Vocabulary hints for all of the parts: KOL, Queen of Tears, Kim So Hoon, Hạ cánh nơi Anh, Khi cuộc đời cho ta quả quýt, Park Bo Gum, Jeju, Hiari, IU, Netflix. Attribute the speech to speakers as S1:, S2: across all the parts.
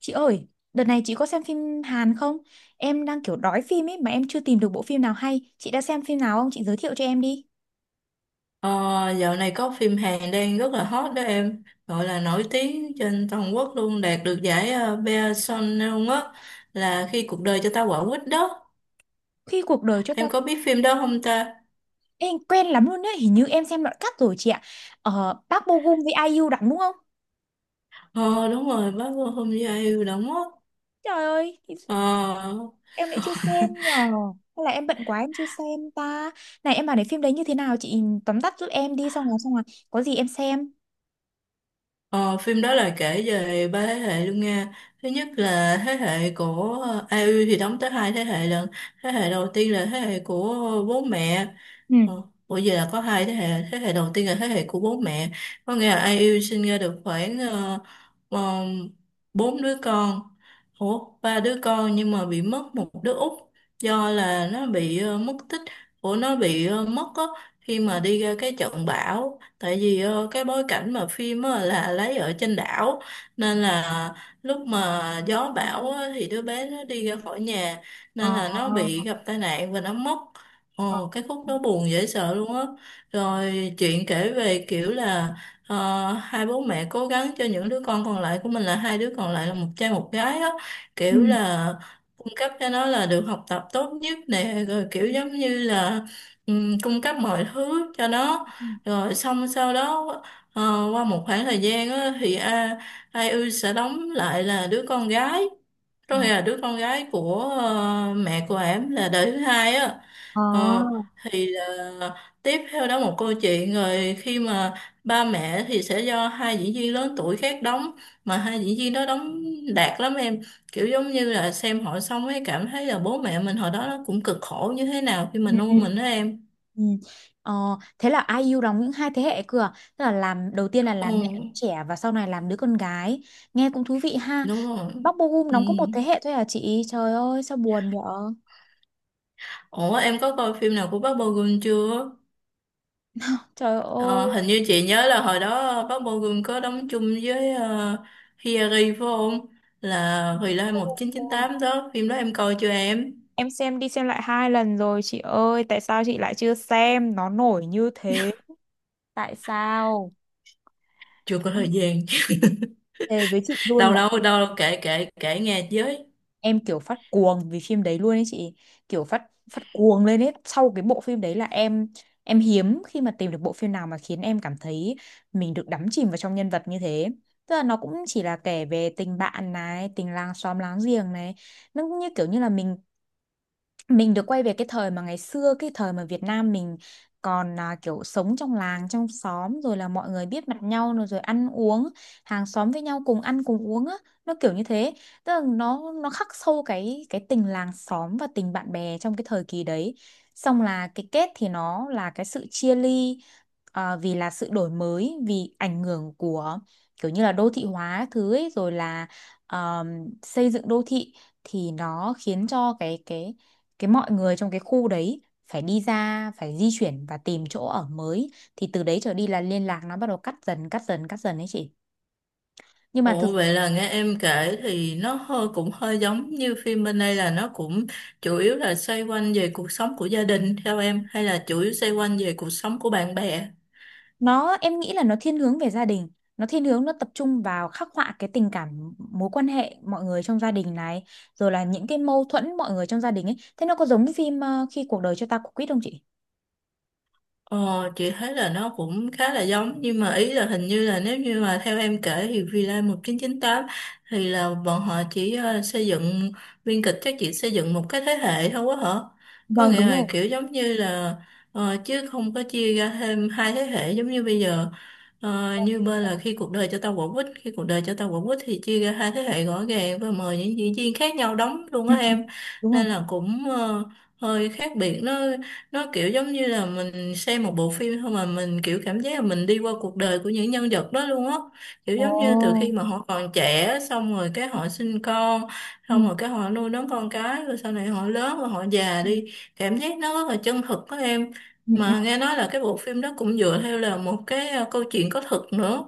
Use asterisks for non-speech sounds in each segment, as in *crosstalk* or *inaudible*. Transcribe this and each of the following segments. S1: Chị ơi, đợt này chị có xem phim Hàn không? Em đang kiểu đói phim ấy mà em chưa tìm được bộ phim nào hay. Chị đã xem phim nào không? Chị giới thiệu cho em đi.
S2: Ờ, dạo này có phim Hàn đang rất là hot đó em, gọi là nổi tiếng trên toàn quốc luôn, đạt được giải Bea Sonneung á, là Khi cuộc đời cho ta quả quýt đó.
S1: Khi cuộc đời cho ta...
S2: Em có biết phim đó không ta?
S1: Ê, quen lắm luôn đấy, hình như em xem đoạn cắt rồi chị ạ. Ờ, Park Bo Gum với IU đóng đúng không?
S2: Ờ, đúng rồi, bác Vô Hôm Gia Yêu đóng á.
S1: Trời ơi, thì
S2: ờ,
S1: em lại chưa xem nhờ. Hay là em bận quá em chưa xem ta. Này em bảo này, phim đấy như thế nào chị tóm tắt giúp em đi, xong rồi có gì em xem.
S2: ờ, phim đó là kể về ba thế hệ luôn nha. Thứ nhất là thế hệ của u thì đóng tới hai thế hệ lần. Thế hệ đầu tiên là thế hệ của bố mẹ.
S1: Ừ.
S2: Ờ, bởi vì là có hai thế hệ đầu tiên là thế hệ của bố mẹ, có nghĩa là Ai Yêu sinh ra được khoảng ờ, bốn đứa con, ủa ba đứa con, nhưng mà bị mất một đứa út do là nó bị mất tích, của nó bị mất á khi mà đi ra cái trận bão. Tại vì cái bối cảnh mà phim á là lấy ở trên đảo, nên là lúc mà gió bão á thì đứa bé nó đi ra khỏi nhà,
S1: Ờ.
S2: nên là nó bị gặp tai nạn và nó mất.
S1: Ờ.
S2: Ồ, cái khúc đó buồn dễ sợ luôn á. Rồi chuyện kể về kiểu là hai bố mẹ cố gắng cho những đứa con còn lại của mình, là hai đứa còn lại là một trai một gái á,
S1: Ừ.
S2: kiểu là cung cấp cho nó là được học tập tốt nhất nè, rồi
S1: Ừ.
S2: kiểu giống như là cung cấp mọi thứ cho nó.
S1: Ừ.
S2: Rồi xong sau đó ờ, qua một khoảng thời gian á thì Ai Ư sẽ đóng lại là đứa con gái,
S1: Ờ.
S2: rồi là đứa con gái của mẹ của em là đời thứ hai á.
S1: Ờ.
S2: Ờ, thì là tiếp theo đó một câu chuyện rồi khi mà ba mẹ thì sẽ do hai diễn viên lớn tuổi khác đóng, mà hai diễn viên đó đóng đạt lắm em, kiểu giống như là xem họ xong ấy cảm thấy là bố mẹ mình hồi đó nó cũng cực khổ như thế nào khi mà
S1: Ừ.
S2: nuôi
S1: Ừ.
S2: mình đó em.
S1: Ừ. Ờ, thế là ai IU đóng những hai thế hệ cơ à? Tức là làm đầu tiên là làm mẹ đứa
S2: Ừ,
S1: trẻ, và sau này làm đứa con gái. Nghe cũng thú vị ha.
S2: đúng rồi.
S1: Bắc Bo
S2: Ừ.
S1: đóng có một thế hệ thôi à chị? Trời ơi sao buồn vậy?
S2: Ủa em có coi phim nào của Park Bo Gum chưa?
S1: Trời ơi.
S2: Ờ, hình như chị nhớ là hồi đó bác Bo Gum có đóng chung với Hiari phải không? Là Hồi Lai một chín chín
S1: Ôi,
S2: tám đó, phim đó em coi chưa em?
S1: em xem đi xem lại hai lần rồi chị ơi, tại sao chị lại chưa xem? Nó nổi như thế. Tại sao?
S2: Chưa có thời gian.
S1: Thề với chị
S2: *laughs*
S1: luôn,
S2: Đâu
S1: lại
S2: đâu đâu, kể kể kể nghe với.
S1: em kiểu phát cuồng vì phim đấy luôn ấy chị, kiểu phát, phát cuồng lên ấy. Sau cái bộ phim đấy là em hiếm khi mà tìm được bộ phim nào mà khiến em cảm thấy mình được đắm chìm vào trong nhân vật như thế. Tức là nó cũng chỉ là kể về tình bạn này, tình làng xóm láng giềng này, nó cũng như kiểu như là mình được quay về cái thời mà ngày xưa, cái thời mà Việt Nam mình còn à, kiểu sống trong làng trong xóm, rồi là mọi người biết mặt nhau, rồi rồi ăn uống hàng xóm với nhau, cùng ăn cùng uống á, nó kiểu như thế. Tức là nó khắc sâu cái tình làng xóm và tình bạn bè trong cái thời kỳ đấy. Xong là cái kết thì nó là cái sự chia ly, à, vì là sự đổi mới, vì ảnh hưởng của kiểu như là đô thị hóa thứ ấy, rồi là ờm, xây dựng đô thị, thì nó khiến cho cái mọi người trong cái khu đấy phải đi ra, phải di chuyển và tìm chỗ ở mới, thì từ đấy trở đi là liên lạc nó bắt đầu cắt dần cắt dần cắt dần đấy chị. Nhưng mà thực,
S2: Ồ, vậy là nghe em kể thì nó hơi cũng hơi giống như phim bên đây, là nó cũng chủ yếu là xoay quanh về cuộc sống của gia đình theo em, hay là chủ yếu xoay quanh về cuộc sống của bạn bè?
S1: nó em nghĩ là nó thiên hướng về gia đình, nó thiên hướng nó tập trung vào khắc họa cái tình cảm mối quan hệ mọi người trong gia đình này, rồi là những cái mâu thuẫn mọi người trong gia đình ấy. Thế nó có giống phim khi cuộc đời cho ta quả quýt không chị?
S2: Ờ, chị thấy là nó cũng khá là giống, nhưng mà ý là hình như là nếu như mà theo em kể thì Villa 1998 thì là bọn họ chỉ xây dựng biên kịch, chắc chỉ xây dựng một cái thế hệ thôi quá hả? Có
S1: Vâng
S2: nghĩa
S1: đúng
S2: là
S1: rồi.
S2: kiểu giống như là chứ không có chia ra thêm hai thế hệ giống như bây giờ. Ờ, như bên là Khi cuộc đời cho tao quả quýt, khi cuộc đời cho tao quả quýt thì chia ra hai thế hệ rõ ràng và mời những diễn viên khác nhau đóng
S1: *laughs*
S2: luôn á
S1: Vâng. Ừ, ừ,
S2: em.
S1: đúng rồi.
S2: Nên là cũng hơi khác biệt. Nó kiểu giống như là mình xem một bộ phim thôi mà mình kiểu cảm giác là mình đi qua cuộc đời của những nhân vật đó luôn á. Kiểu
S1: Ồ.
S2: giống như từ khi mà họ còn trẻ xong rồi cái họ sinh con, xong
S1: Ừ.
S2: rồi cái họ nuôi nấng con cái rồi sau này họ lớn rồi họ già
S1: Ừ.
S2: đi. Cảm giác nó rất là chân thực đó em.
S1: Ừ.
S2: Mà nghe nói là cái bộ phim đó cũng dựa theo là một cái câu chuyện có thật nữa.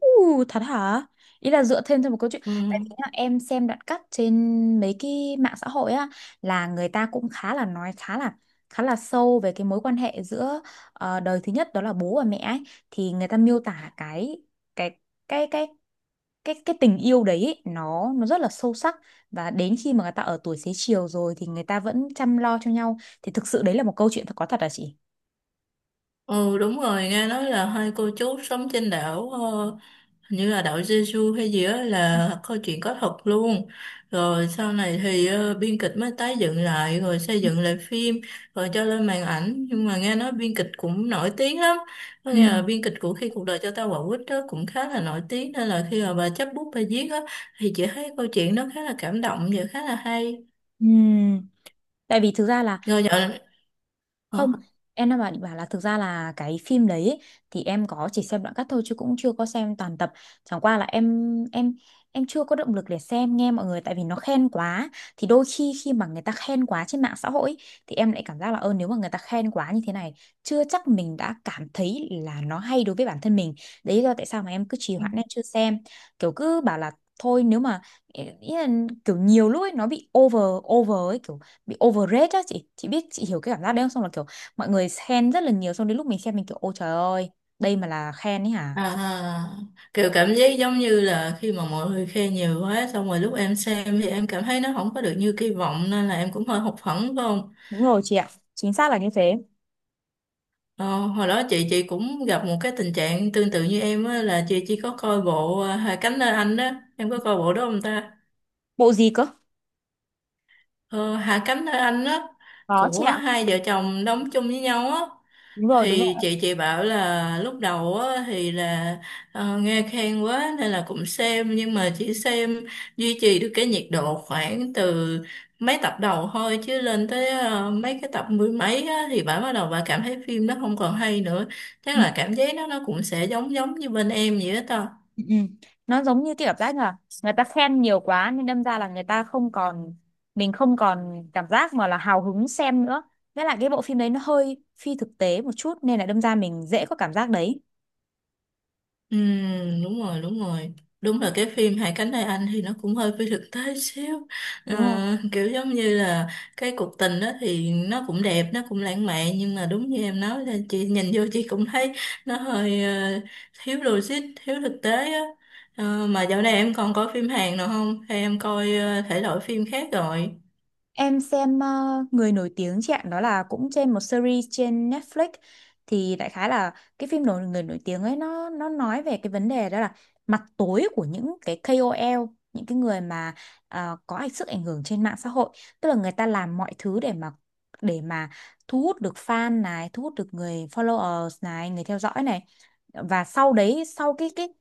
S1: Ừ, thật hả? Ý là dựa thêm cho một câu chuyện.
S2: Ừ.
S1: Tại vì nhá, em xem đoạn cắt trên mấy cái mạng xã hội á, là người ta cũng khá là nói khá là, khá là sâu về cái mối quan hệ giữa đời thứ nhất, đó là bố và mẹ ấy, thì người ta miêu tả cái cái cái tình yêu đấy ấy, nó rất là sâu sắc, và đến khi mà người ta ở tuổi xế chiều rồi thì người ta vẫn chăm lo cho nhau. Thì thực sự đấy là một câu chuyện thật, có thật hả chị?
S2: Ừ, đúng rồi, nghe nói là hai cô chú sống trên đảo hình như là đảo Jeju hay gì đó, là câu chuyện có thật luôn. Rồi sau này thì biên kịch mới tái dựng lại rồi xây dựng lại phim, rồi cho lên màn ảnh, nhưng mà nghe nói biên kịch cũng nổi tiếng lắm. Có
S1: Ừ.
S2: nghĩa là biên kịch của Khi cuộc đời cho ta quả quýt đó cũng khá là nổi tiếng, nên là khi mà bà chấp bút bà viết á thì chị thấy câu chuyện nó khá là cảm động và khá là hay.
S1: Ừ. Tại vì thực ra là,
S2: Rồi nhận.
S1: không, em đang bảo, định bảo là thực ra là cái phim đấy ấy, thì em có chỉ xem đoạn cắt thôi chứ cũng chưa có xem toàn tập. Chẳng qua là em em chưa có động lực để xem, nghe mọi người tại vì nó khen quá. Thì đôi khi khi mà người ta khen quá trên mạng xã hội ấy, thì em lại cảm giác là ơ nếu mà người ta khen quá như thế này, chưa chắc mình đã cảm thấy là nó hay đối với bản thân mình. Đấy là tại sao mà em cứ trì hoãn em chưa xem. Kiểu cứ bảo là thôi, nếu mà, ý là kiểu nhiều lúc ấy nó bị over, over ấy, kiểu bị overrate á chị biết chị hiểu cái cảm giác đấy không, xong là kiểu mọi người khen rất là nhiều, xong đến lúc mình xem mình kiểu ôi trời ơi, đây mà là khen ấy hả?
S2: À, kiểu cảm giác giống như là khi mà mọi người khen nhiều quá xong rồi lúc em xem thì em cảm thấy nó không có được như kỳ vọng, nên là em cũng hơi hụt hẫng phải không?
S1: Đúng rồi chị ạ, chính xác là như thế.
S2: Ờ, hồi đó chị cũng gặp một cái tình trạng tương tự như em á, là chị chỉ có coi bộ Hạ cánh nơi Anh đó, em có coi bộ đó không ta?
S1: Bộ gì cơ?
S2: Ờ, Hạ cánh nơi Anh đó,
S1: Có chị
S2: của
S1: ạ,
S2: hai vợ chồng đóng chung với nhau á.
S1: đúng rồi, đúng rồi.
S2: Thì chị bảo là lúc đầu á thì là nghe khen quá nên là cũng xem, nhưng mà chỉ xem duy trì được cái nhiệt độ khoảng từ mấy tập đầu thôi, chứ lên tới mấy cái tập mười mấy á thì bà bắt đầu bà cảm thấy phim nó không còn hay nữa. Chắc
S1: Ừ,
S2: là cảm giác nó cũng sẽ giống giống như bên em vậy đó.
S1: ừ, ừ. Nó giống như cái cảm giác là người ta khen nhiều quá nên đâm ra là người ta không còn, mình không còn cảm giác mà là hào hứng xem nữa. Với lại cái bộ phim đấy nó hơi phi thực tế một chút nên là đâm ra mình dễ có cảm giác đấy.
S2: Ừ, đúng rồi đúng rồi. Đúng là cái phim Hai cánh tay anh thì nó cũng hơi phi thực tế xíu.
S1: Đúng rồi.
S2: Ờ, kiểu giống như là cái cuộc tình đó thì nó cũng đẹp nó cũng lãng mạn, nhưng mà đúng như em nói là chị nhìn vô chị cũng thấy nó hơi thiếu logic, thiếu thực tế á. Ờ, mà dạo này em còn coi phim Hàn nào không, hay em coi thể loại phim khác rồi?
S1: Em xem người nổi tiếng chị ạ, đó là cũng trên một series trên Netflix. Thì đại khái là cái phim nổi, người nổi tiếng ấy, nó nói về cái vấn đề đó là mặt tối của những cái ca o KOL, những cái người mà có ảnh, sức ảnh hưởng trên mạng xã hội, tức là người ta làm mọi thứ để mà, để mà thu hút được fan này, thu hút được người followers này, người theo dõi này. Và sau đấy sau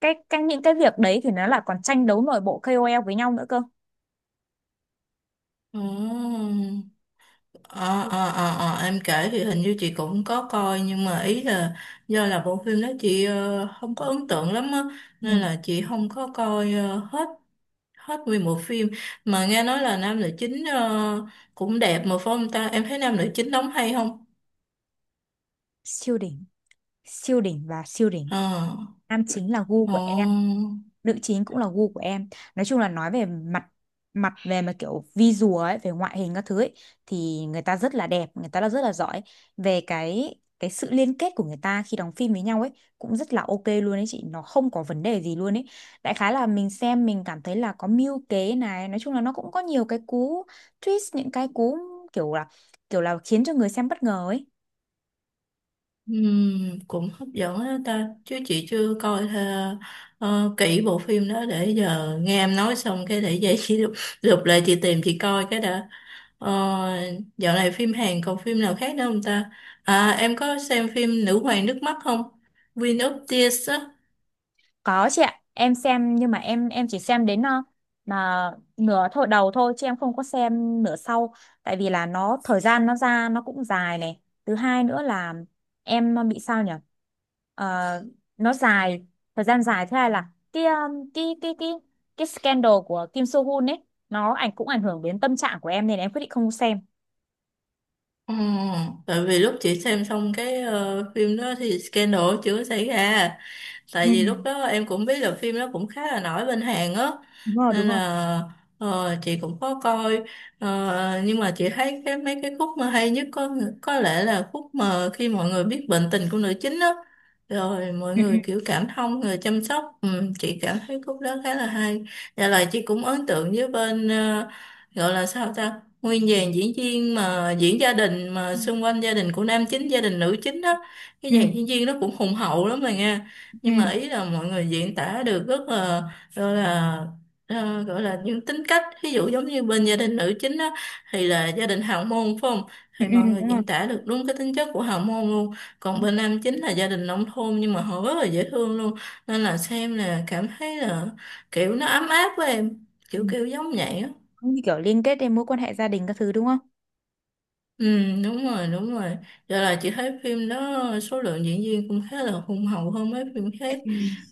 S1: cái những cái việc đấy thì nó là còn tranh đấu nội bộ ca o KOL với nhau nữa cơ.
S2: Ồ. Em kể thì hình như chị cũng có coi, nhưng mà ý là do là bộ phim đó chị không có ấn tượng lắm á,
S1: Ừ.
S2: nên là chị không có coi hết hết nguyên bộ phim. Mà nghe nói là nam nữ chính cũng đẹp mà phải không ta, em thấy nam nữ chính đóng hay không?
S1: Siêu đỉnh. Siêu đỉnh và siêu đỉnh.
S2: Ờ.
S1: Nam chính là gu của em,
S2: Ồ.
S1: nữ chính cũng là gu của em. Nói chung là nói về mặt, mặt về mà kiểu visual ấy, về ngoại hình các thứ ấy thì người ta rất là đẹp, người ta là rất là giỏi. Về cái sự liên kết của người ta khi đóng phim với nhau ấy cũng rất là ok luôn ấy chị, nó không có vấn đề gì luôn ấy. Đại khái là mình xem mình cảm thấy là có mưu kế này, nói chung là nó cũng có nhiều cái cú twist, những cái cú kiểu là, kiểu là khiến cho người xem bất ngờ ấy.
S2: Cũng hấp dẫn đó ta, chứ chị chưa coi kỹ bộ phim đó. Để giờ nghe em nói xong cái để vậy chị *laughs* lục lại chị tìm chị coi cái đã. Ờ, dạo này phim Hàn còn phim nào khác nữa không ta? À, em có xem phim Nữ hoàng nước mắt không, Queen of Tears á?
S1: Có chị ạ, em xem nhưng mà em chỉ xem đến là nửa thôi, đầu thôi chứ em không có xem nửa sau, tại vì là nó thời gian nó ra nó cũng dài này. Thứ hai nữa là em bị sao nhỉ? Ờ, nó dài, thời gian dài thế này là cái cái cái scandal của Kim So Hoon ấy, nó ảnh, cũng ảnh hưởng đến tâm trạng của em nên em quyết định không xem.
S2: Ờ, tại vì lúc chị xem xong cái phim đó thì scandal chưa có xảy ra, tại
S1: Ừ,
S2: vì lúc đó em cũng biết là phim đó cũng khá là nổi bên Hàn á,
S1: đúng rồi, đúng
S2: nên
S1: rồi.
S2: là chị cũng có coi. Ờ, nhưng mà chị thấy cái mấy cái khúc mà hay nhất có lẽ là khúc mà khi mọi người biết bệnh tình của nữ chính á, rồi mọi
S1: Ừ,
S2: người kiểu cảm thông người chăm sóc. Ừ, chị cảm thấy khúc đó khá là hay và lại chị cũng ấn tượng với bên gọi là sao ta, nguyên dàn diễn viên mà diễn gia đình mà
S1: ừ.
S2: xung quanh gia đình của nam chính, gia đình nữ chính đó, cái
S1: Ừ.
S2: dàn diễn viên nó cũng hùng hậu lắm rồi nha. Nhưng
S1: Ừ,
S2: mà ý là mọi người diễn tả được rất là gọi là gọi là những tính cách, ví dụ giống như bên gia đình nữ chính đó thì là gia đình hào môn phải không,
S1: ừ,
S2: thì
S1: ừ,
S2: mọi
S1: ừ,
S2: người
S1: đúng rồi.
S2: diễn tả được đúng cái tính chất của hào môn luôn. Còn bên nam chính là gia đình nông thôn nhưng mà họ rất là dễ thương luôn, nên là xem là cảm thấy là kiểu nó ấm áp với em,
S1: Ừ.
S2: kiểu kiểu giống vậy á.
S1: Cũng như kiểu liên kết đến mối quan hệ gia đình các thứ đúng không?
S2: Ừ, đúng rồi, đúng rồi. Giờ là chị thấy phim đó số lượng diễn viên cũng khá là hùng hậu hơn mấy phim khác.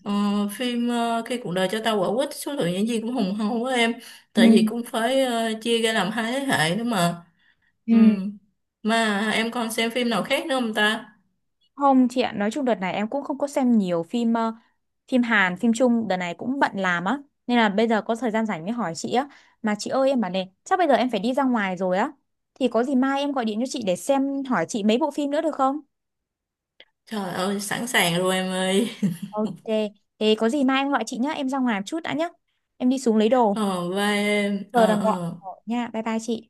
S2: Ờ, phim Khi cuộc đời cho ta quả quýt số lượng diễn viên cũng hùng hậu quá em.
S1: Ừ,
S2: Tại vì cũng phải chia ra làm hai thế hệ nữa mà. Ừ.
S1: ừ.
S2: Mà em còn xem phim nào khác nữa không ta?
S1: Không chị ạ, nói chung đợt này em cũng không có xem nhiều phim phim Hàn, phim Trung, đợt này cũng bận làm á. Nên là bây giờ có thời gian rảnh mới hỏi chị á. Mà chị ơi em bảo này, chắc bây giờ em phải đi ra ngoài rồi á. Thì có gì mai em gọi điện cho chị để xem, hỏi chị mấy bộ phim nữa được không?
S2: Trời ơi, sẵn sàng rồi em ơi. *laughs*
S1: Ok, thế có gì mai em gọi chị nhá, em ra ngoài một chút đã nhá. Em đi xuống lấy đồ.
S2: Ờ, vai em.
S1: Giờ
S2: Ờ,
S1: đang gọi
S2: ờ.
S1: gọi nha, bye bye chị.